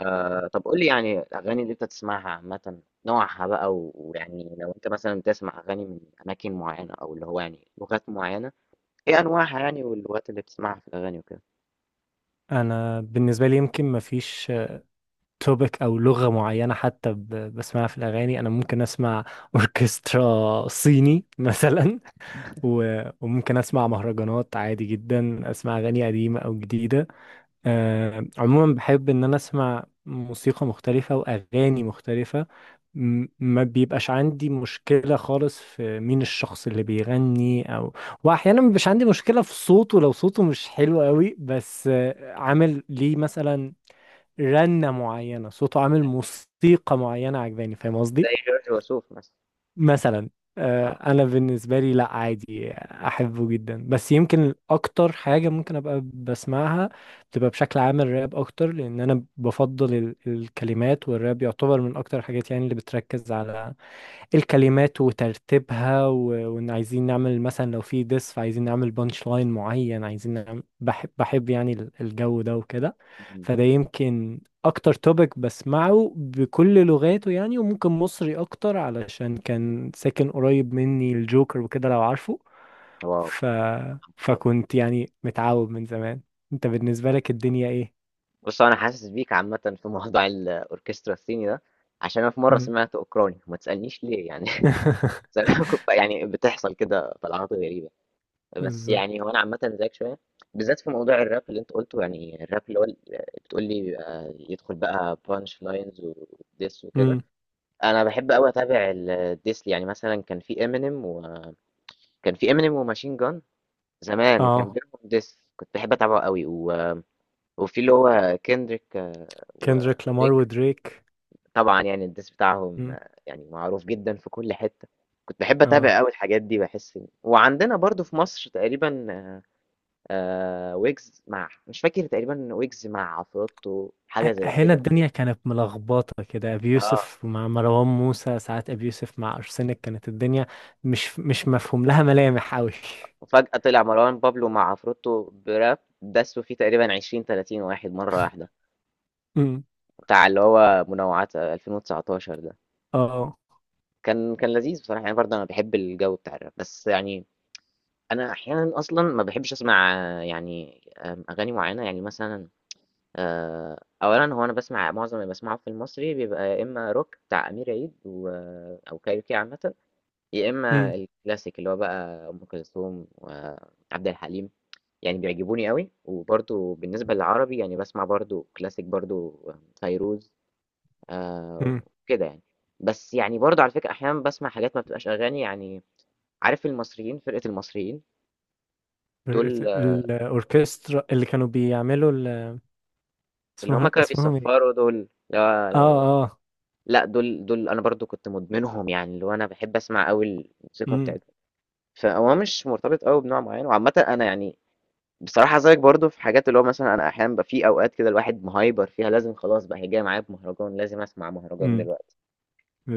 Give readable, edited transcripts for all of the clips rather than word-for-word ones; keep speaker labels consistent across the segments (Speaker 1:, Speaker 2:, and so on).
Speaker 1: آه، طب قول لي يعني الأغاني اللي أنت تسمعها عامة نوعها بقى و- ويعني لو أنت مثلا بتسمع أغاني من أماكن معينة أو اللي هو يعني لغات معينة، إيه أنواعها يعني واللغات اللي بتسمعها في الأغاني وكده.
Speaker 2: انا بالنسبه لي يمكن ما فيش توبيك او لغه معينه حتى بسمعها في الاغاني. انا ممكن اسمع اوركسترا صيني مثلا، وممكن اسمع مهرجانات، عادي جدا اسمع اغاني قديمه او جديده. عموما بحب ان انا اسمع موسيقى مختلفة واغاني مختلفة. ما بيبقاش عندي مشكلة خالص في مين الشخص اللي بيغني، او واحيانا ما بيبقاش عندي مشكلة في صوته لو صوته مش حلو قوي، بس عامل ليه مثلا رنة معينة، صوته عامل موسيقى معينة عجباني، فاهم
Speaker 1: زي
Speaker 2: قصدي.
Speaker 1: جورج وسوف مثلا.
Speaker 2: مثلا.
Speaker 1: أه.
Speaker 2: انا بالنسبه لي لا، عادي احبه جدا، بس يمكن اكتر حاجه ممكن ابقى بسمعها بتبقى بشكل عام الراب اكتر، لان انا بفضل الكلمات، والراب يعتبر من اكتر الحاجات يعني اللي بتركز على الكلمات وترتيبها، وان عايزين نعمل مثلا لو في ديس فعايزين نعمل بانش لاين معين، عايزين نعمل، بحب بحب يعني الجو ده وكده.
Speaker 1: مم.
Speaker 2: فده يمكن اكتر توبيك بسمعه بكل لغاته يعني، وممكن مصري اكتر علشان كان ساكن قريب مني الجوكر وكده لو عارفه.
Speaker 1: واو.
Speaker 2: ف...
Speaker 1: طبعا.
Speaker 2: فكنت يعني متعود من زمان. انت بالنسبة لك الدنيا ايه؟
Speaker 1: بص، أنا حاسس بيك عامة في موضوع الأوركسترا الصيني ده، عشان أنا في مرة
Speaker 2: مم.
Speaker 1: سمعت أوكراني وما تسألنيش ليه يعني. يعني بتحصل كده طلعات غريبة. بس يعني
Speaker 2: بالظبط.
Speaker 1: هو انا عامه زيك شويه، بالذات في موضوع الراب اللي انت قلته، يعني الراب اللي هو بتقول لي بيبقى يدخل بقى بانش لاينز وديس وكده.
Speaker 2: مم.
Speaker 1: انا بحب قوي اتابع الديس، يعني مثلا كان في امينيم وكان في امينيم وماشين جان، زمان كان
Speaker 2: اه.
Speaker 1: بينهم ديس، كنت بحب اتابعه قوي وفي اللي هو كيندريك
Speaker 2: كندريك لامار
Speaker 1: ودريك.
Speaker 2: ودريك.
Speaker 1: طبعا يعني الديس بتاعهم
Speaker 2: مم.
Speaker 1: يعني معروف جدا في كل حته. كنت بحب اتابع
Speaker 2: اه.
Speaker 1: قوي الحاجات دي، بحس وعندنا برضو في مصر تقريبا ويجز مع مش فاكر، تقريبا ويجز مع عفروتو حاجة زي
Speaker 2: هنا
Speaker 1: كده.
Speaker 2: الدنيا كانت ملخبطة كده، أبي
Speaker 1: اه.
Speaker 2: يوسف مع مروان موسى، ساعات أبي يوسف مع أرسنال، كانت الدنيا مش مفهوم لها ملامح أوي.
Speaker 1: وفجأة طلع مروان بابلو مع عفروتو براب دسوا فيه تقريبا 20 30 واحد مرة واحدة،
Speaker 2: أمم،
Speaker 1: بتاع اللي هو منوعات 2019 ده.
Speaker 2: اه،
Speaker 1: كان لذيذ بصراحة يعني، برضه أنا بحب الجو بتاع الراب، بس يعني أنا أحيانا أصلا ما بحبش أسمع آه، يعني آم، أغاني معينة، يعني مثلا أولا، هو أنا بسمع معظم اللي بسمعه في المصري بيبقى يا إما روك بتاع أمير عيد أو كايروكي عامة، يا
Speaker 2: أمم،
Speaker 1: إما الكلاسيك اللي هو بقى أم كلثوم وعبد الحليم، يعني بيعجبوني قوي. وبرضو بالنسبة للعربي يعني بسمع برضو كلاسيك برضو فيروز. آه.
Speaker 2: أمم.
Speaker 1: كده يعني. بس يعني برضو على فكرة أحيانا بسمع حاجات ما بتبقاش أغاني يعني. عارف المصريين، فرقة المصريين دول،
Speaker 2: الأوركسترا اللي كانوا بيعملوا
Speaker 1: اللي هما
Speaker 2: اسمهم
Speaker 1: كانوا
Speaker 2: اسمهم ايه؟
Speaker 1: بيصفروا دول. لا
Speaker 2: اه، اه،
Speaker 1: لا دول أنا برضو كنت مدمنهم، يعني اللي هو أنا بحب أسمع قوي الموسيقى
Speaker 2: أمم،
Speaker 1: بتاعتهم. فهو مش مرتبط قوي بنوع معين، وعامة أنا يعني بصراحة زيك برضه في حاجات اللي هو مثلًا أنا أحيانًا بيبقى في أوقات كده الواحد مهايبر فيها، لازم خلاص بقى هي جاية معايا بمهرجان، لازم أسمع مهرجان
Speaker 2: أمم،
Speaker 1: دلوقتي.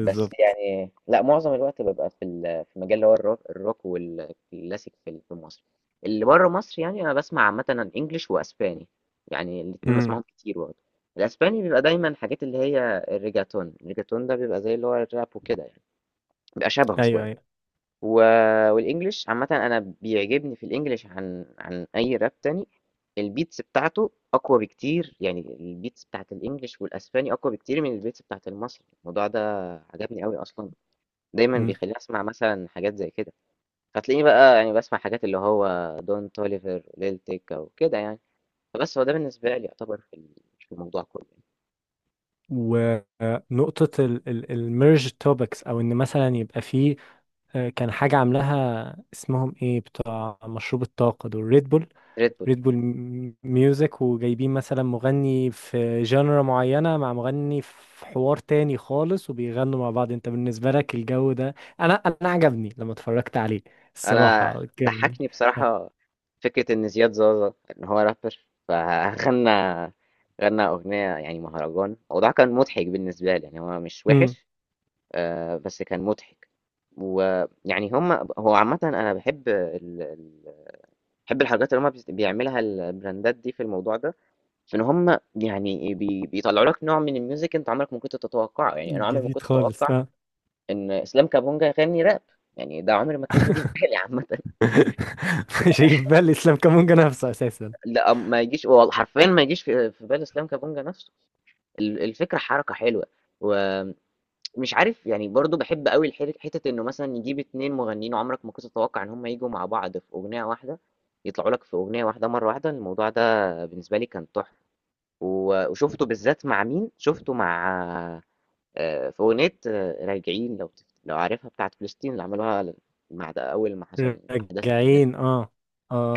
Speaker 1: بس يعني لأ، معظم الوقت بابقى في مجال اللي هو الروك والكلاسيك في مصر. اللي برّه مصر يعني أنا باسمع عامةً English وأسباني، يعني الاتنين
Speaker 2: أمم،
Speaker 1: باسمعهم كتير برضه. الأسباني بيبقى دايمًا حاجات اللي هي الReggaeton ده بيبقى زي اللي هو الراب وكده يعني، بيبقى شبهه
Speaker 2: ايوه ايوه،
Speaker 1: شوية. و... والانجليش عامة انا بيعجبني في الانجليش عن اي راب تاني، البيتس بتاعته اقوى بكتير، يعني البيتس بتاعت الانجليش والاسباني اقوى بكتير من البيتس بتاعت المصري. الموضوع ده عجبني قوي اصلا، دايما
Speaker 2: أمم.
Speaker 1: بيخليني اسمع مثلا حاجات زي كده. فتلاقيني بقى يعني بسمع حاجات اللي هو دون توليفر، ليل تيكا، وكده يعني. فبس هو ده بالنسبة لي يعتبر في الموضوع كله.
Speaker 2: ونقطة الميرج توبكس، أو إن مثلا يبقى فيه كان حاجة عاملاها اسمهم ايه بتاع مشروب الطاقة دول، ريد بول.
Speaker 1: ريد بول.
Speaker 2: ريد بول ميوزك، وجايبين مثلا مغني في جانرا معينة مع مغني في حوار تاني خالص وبيغنوا مع بعض. انت بالنسبة لك الجو ده؟ انا عجبني لما اتفرجت عليه،
Speaker 1: انا
Speaker 2: الصراحة كان.
Speaker 1: ضحكني بصراحه فكره ان زياد زازا ان هو رابر فغنى اغنيه يعني مهرجان، الموضوع كان مضحك بالنسبه لي، يعني هو مش
Speaker 2: امم.
Speaker 1: وحش بس كان مضحك. ويعني هم، هو عامه انا بحب بحب الحاجات اللي هم بيعملها البراندات دي في الموضوع ده، في ان هم يعني بيطلعوا لك نوع من الميوزك انت عمرك ما كنت تتوقعه. يعني انا عمري ما
Speaker 2: جديد
Speaker 1: كنت
Speaker 2: خالص،
Speaker 1: اتوقع
Speaker 2: اه.
Speaker 1: ان اسلام كابونجا يغني راب، يعني ده عمري ما كان هيجي في بالي عامه.
Speaker 2: مش هيجيب بال اسلام كامونجا نفسه اساسا.
Speaker 1: لأ، ما يجيش، هو حرفيًا ما يجيش في بال إسلام كابونجا نفسه. الفكرة حركة حلوة، ومش عارف يعني، برضه باحب أوي حتة إنه مثلًا يجيب 2 مغنيين عمرك ما كنت تتوقع إن هم ييجوا مع بعض في أغنية واحدة، يطلعوا لك في أغنية واحدة مرة واحدة، الموضوع ده بالنسبة لي كان تحفة. و وشُفته بالذات مع مين، شُفته مع في أغنية راجعين، لو عارفها، بتاعة فلسطين اللي عملوها بعد أول ما حصل الأحداث اللي هناك.
Speaker 2: راجعين، اه،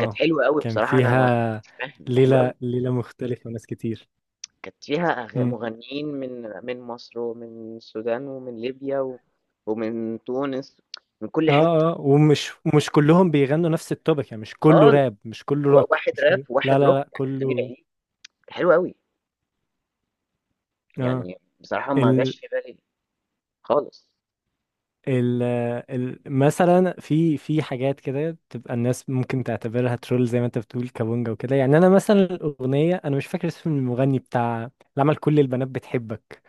Speaker 1: كانت حلوة أوي
Speaker 2: كان
Speaker 1: بصراحة. أنا ما
Speaker 2: فيها
Speaker 1: مش فاهم، ده حلو
Speaker 2: ليلة،
Speaker 1: أوي.
Speaker 2: ليلة مختلفة وناس كتير.
Speaker 1: كانت فيها مغنيين من مصر، ومن السودان، ومن ليبيا ومن تونس، من كل حتة
Speaker 2: اه، اه، ومش مش كلهم بيغنوا نفس التوبك يعني، مش كله
Speaker 1: خالص.
Speaker 2: راب، مش كله روك،
Speaker 1: واحد
Speaker 2: مش
Speaker 1: راب
Speaker 2: كله، لا
Speaker 1: واحد
Speaker 2: لا
Speaker 1: روك،
Speaker 2: لا،
Speaker 1: أمير
Speaker 2: كله.
Speaker 1: عيد، حلو قوي
Speaker 2: اه.
Speaker 1: يعني. بصراحة ما
Speaker 2: ال
Speaker 1: جاش في بالي خالص.
Speaker 2: ال مثلا في حاجات كده تبقى الناس ممكن تعتبرها ترول زي ما انت بتقول كابونجا وكده، يعني انا مثلا الاغنيه انا مش فاكر اسم المغني بتاع اللي عمل كل البنات بتحبك،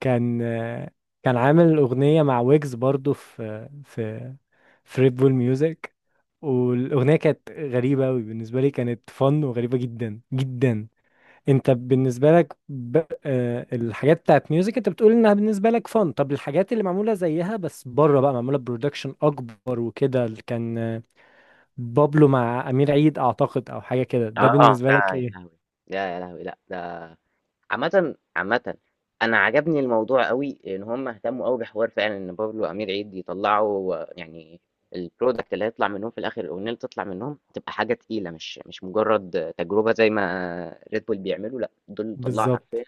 Speaker 2: كان كان عامل اغنيه مع ويجز برضو في في ريد بول ميوزك، والاغنيه كانت غريبه قوي بالنسبه لي، كانت فن وغريبه جدا جدا. انت بالنسبه لك الحاجات بتاعت ميوزك انت بتقول انها بالنسبه لك فن، طب الحاجات اللي معموله زيها بس بره بقى، معموله برودكشن اكبر وكده، اللي كان بابلو مع امير عيد اعتقد، او حاجه كده،
Speaker 1: اه.
Speaker 2: ده بالنسبه
Speaker 1: ده
Speaker 2: لك
Speaker 1: يا لهوي.
Speaker 2: ايه؟
Speaker 1: لا يا لهوي، لا ده. عامة، انا عجبني الموضوع قوي، ان هم اهتموا قوي بحوار، فعلا ان بابلو وامير عيد يطلعوا يعني البرودكت اللي هيطلع منهم في الاخر، الاغنيه اللي تطلع منهم، تبقى حاجه تقيله، مش مجرد تجربه زي ما ريد بول بيعملوا. لا، دول طلعوا
Speaker 2: بالظبط.
Speaker 1: حرفيا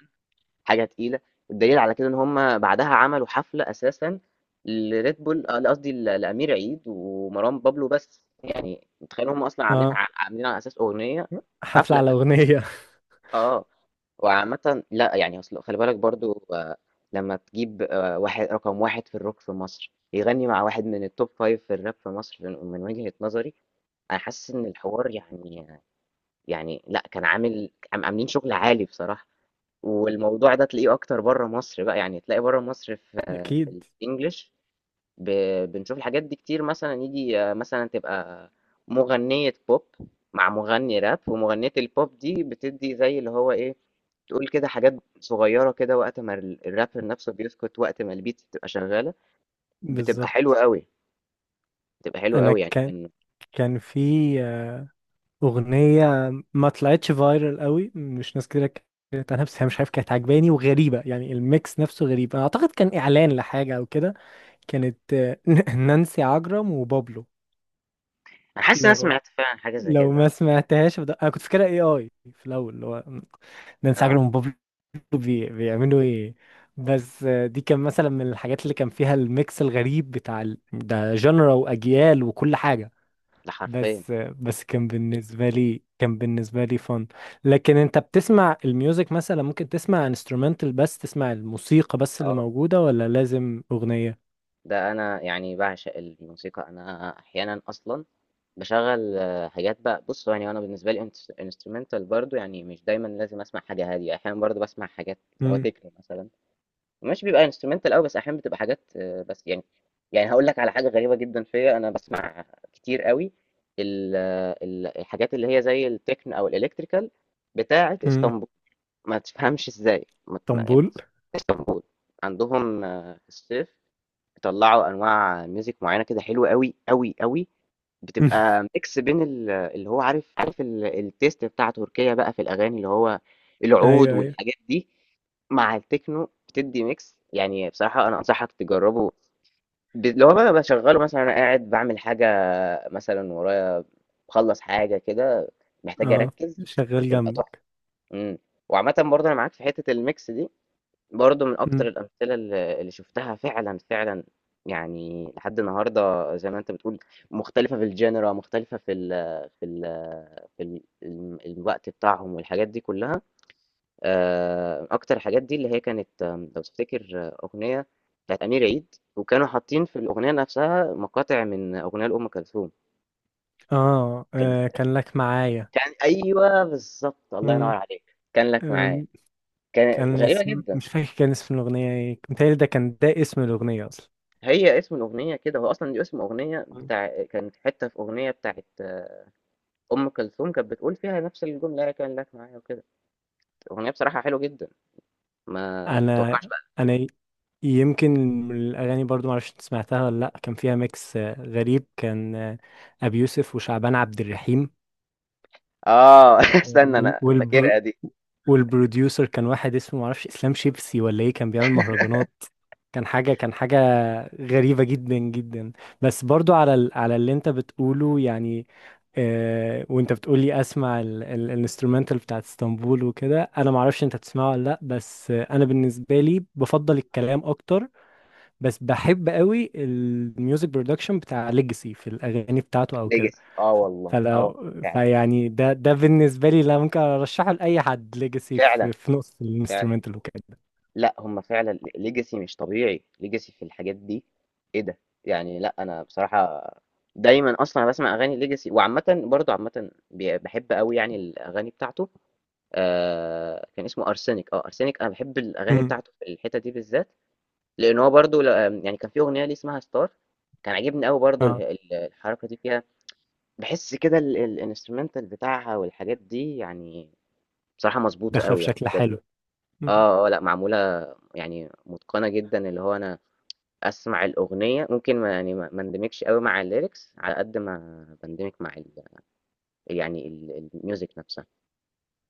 Speaker 1: حاجه تقيله. والدليل على كده ان هم بعدها عملوا حفله اساسا لريد بول، لا قصدي لامير عيد ومروان بابلو، بس يعني متخيل، هم اصلا عاملينها
Speaker 2: اه.
Speaker 1: عاملينها على اساس اغنيه.
Speaker 2: حفله
Speaker 1: حفله.
Speaker 2: على اغنيه.
Speaker 1: آه. وعامةً لأ، يعني أصل خلّي بالك برضه لمّا تجيب واحد رقم 1 في الrock في مصر، يغني مع واحد من الtop 5 في الrap في مصر من وجهة نظري، أنا حاسس إن الحوار يعني، يعني لأ، كان عاملين شغل عالي بصراحة. والموضوع ده تلاقيه أكتر برّه مصر بقى، يعني تلاقي برّه مصر في في
Speaker 2: اكيد.
Speaker 1: الEnglish. بنشوف الحاجات دي كتير، مثلا يجي مثلا تبقى مغنية بوب مع مغني راب، ومغنية البوب دي بتدي زي اللي هو ايه، تقول كده حاجات صغيرة كده وقت ما الرابر نفسه بيسكت، وقت ما البيت بتبقى شغالة. بتبقى حلوة
Speaker 2: بالظبط.
Speaker 1: قوي، بتبقى حلوة
Speaker 2: انا
Speaker 1: قوي يعني
Speaker 2: كان
Speaker 1: كان.
Speaker 2: كان في أغنية ما طلعتش فايرال قوي، مش ناس كتير اتكلمت عنها، بس هي مش عارف كانت عجباني وغريبة، يعني الميكس نفسه غريب، أنا أعتقد كان إعلان لحاجة أو كده. كانت نانسي عجرم وبابلو.
Speaker 1: انا حاسس إن انا
Speaker 2: لو
Speaker 1: سمعت فعلا حاجة زي
Speaker 2: لو
Speaker 1: كده.
Speaker 2: ما سمعتهاش، أنا كنت فاكرها اي في الأول اللي هو نانسي
Speaker 1: اه.
Speaker 2: عجرم وبابلو بيعملوا ايه. بس دي كان مثلا من الحاجات اللي كان فيها الميكس الغريب بتاع ده جنرا وأجيال وكل حاجة.
Speaker 1: ده حرفيا.
Speaker 2: بس بس كان بالنسبة لي فن. لكن انت بتسمع الميوزك، مثلا ممكن تسمع انسترومنتال بس، تسمع الموسيقى بس اللي
Speaker 1: اه.
Speaker 2: موجودة، ولا لازم أغنية؟
Speaker 1: ده انا يعني بعشق الموسيقى، انا احيانا اصلا باشغّل حاجات بقى. بُص، هو يعني أنا بالنسبة لي instrumental برضه، يعني مش دايمًا لازم أسمع حاجة هادية، أحيانًا برضه باسمع حاجات اللي هو
Speaker 2: امم.
Speaker 1: techno مثلًا، مش بيبقى instrumental أوي، بس أحيانًا بتبقى حاجات بس يعني. يعني هاقول لك على حاجة غريبة جدًا فيّا، أنا باسمع كتير أوي ال آه، ال الحاجات اللي هي زي الtechno أو الelectrical بتاعة
Speaker 2: امم.
Speaker 1: إسطنبول. ما تفهمش إزاي، ما ت يعني
Speaker 2: طنبول.
Speaker 1: إسطنبول عندهم في الصيف بيطلّعوا أنواع music معيّنة كده، حلوة أوي، أوي، أوي. بتبقى mix بين اللي هو عارف الtaste بتاع تركيا بقى في الأغاني، اللي هو العود
Speaker 2: ايوه ايوه.
Speaker 1: والحاجات دي، مع التكنو، بتدّي mix. يعني بصراحة أنا أنصحك تجرّبه. اللي هو بقى باشغّله مثلًا وأنا قاعد باعمل حاجة مثلًا ورايا، باخلّص حاجة كده محتاج
Speaker 2: اه.
Speaker 1: أركّز،
Speaker 2: شغال
Speaker 1: بيبقى تحفة.
Speaker 2: جنبك.
Speaker 1: إمم. وعامةً برضه أنا معاك في حتّة الmix دي. برضه من أكتر
Speaker 2: امم.
Speaker 1: الأمثلة اللي شُفتها فعلًا، فعلًا يعني لحد النهارده، زي ما أنت بتقول، مختلفة في الgenre، مختلفة في ال في ال في ال الم الوقت بتاعهم والحاجات دي كلّها. أكتر الحاجات دي اللي هي كانت لو تفتكر أغنية بتاعة أمير عيد، وكانوا حاطين في الأغنية نفسها مقاطع من أغنية لأم كلثوم،
Speaker 2: آه.
Speaker 1: كانت
Speaker 2: اه، كان لك معايا.
Speaker 1: كان أيوه بالضبط، الله ينور
Speaker 2: امم.
Speaker 1: عليك، كان لك معايا،
Speaker 2: أم،
Speaker 1: كان
Speaker 2: كان
Speaker 1: غريبة
Speaker 2: اسم،
Speaker 1: جدًا.
Speaker 2: مش فاكر كان اسم الأغنية ايه، متهيألي ده كان، ده اسم الأغنية أصلا.
Speaker 1: هي اسم الأغنية كده، هو أصلًا دي اسم أغنية بتاع، كانت حتّة في أغنية بتاعة أم كلثوم كانت بتقول فيها نفس الجملة هي كان لك معايا وكده، أغنية بصراحة حلوة جدًا، ما
Speaker 2: انا
Speaker 1: تتوقعش بقى.
Speaker 2: انا يمكن من الاغاني برضو معرفش انت سمعتها ولا لا، كان فيها ميكس غريب، كان ابي يوسف وشعبان عبد الرحيم،
Speaker 1: آه. استنى
Speaker 2: وال
Speaker 1: أنا
Speaker 2: والبر...
Speaker 1: فاكرها دي.
Speaker 2: والبروديوسر كان واحد اسمه معرفش اسلام شيبسي ولا ايه، كان بيعمل مهرجانات. كان حاجة، كان حاجة غريبة جدا جدا. بس برضو على على اللي انت بتقوله يعني، وانت بتقولي اسمع الانسترومنتال بتاعت اسطنبول وكده، انا معرفش انت بتسمعه ولا لا، بس انا بالنسبة لي بفضل الكلام اكتر، بس بحب قوي الميوزك برودكشن بتاع ليجاسي في الاغاني بتاعته او كده.
Speaker 1: legacy آه والله، آه
Speaker 2: فلو
Speaker 1: فعلًا،
Speaker 2: فيعني ده بالنسبه لي لا، ممكن ارشحه لاي حد، ليجاسي
Speaker 1: فعلًا،
Speaker 2: في نص
Speaker 1: فعلًا.
Speaker 2: الانسترومنتال وكده.
Speaker 1: لأ، هم فعلًا legacy مش طبيعي، legacy في الحاجات دي، إيه ده! يعني لأ، أنا بصراحة دايمًا أصلًا أنا باسمع أغاني legacy. وعامةً برضه عامةً باحب أوي يعني الأغاني بتاعته. آه، كان اسمه ارسنك. انا بحب الاغاني
Speaker 2: امم.
Speaker 1: بتاعته في الحته دي بالذات، لان هو برضو ل- آم، يعني كان في اغنيه ليه اسمها ستار، كان عاجبني قوي برضو
Speaker 2: اه.
Speaker 1: الحركه دي فيها. بحس كده الانسترومنتال بتاعها والحاجات دي يعني بصراحه مظبوطه
Speaker 2: داخله
Speaker 1: قوي يعني
Speaker 2: بشكل
Speaker 1: بجد.
Speaker 2: حلو.
Speaker 1: اه اه، لا معموله يعني متقنه جدا. اللي هو انا اسمع الاغنيه ممكن ما يعني ما ما اندمجش قوي مع الليركس على قد ما بندمج مع يعني الميوزك نفسها.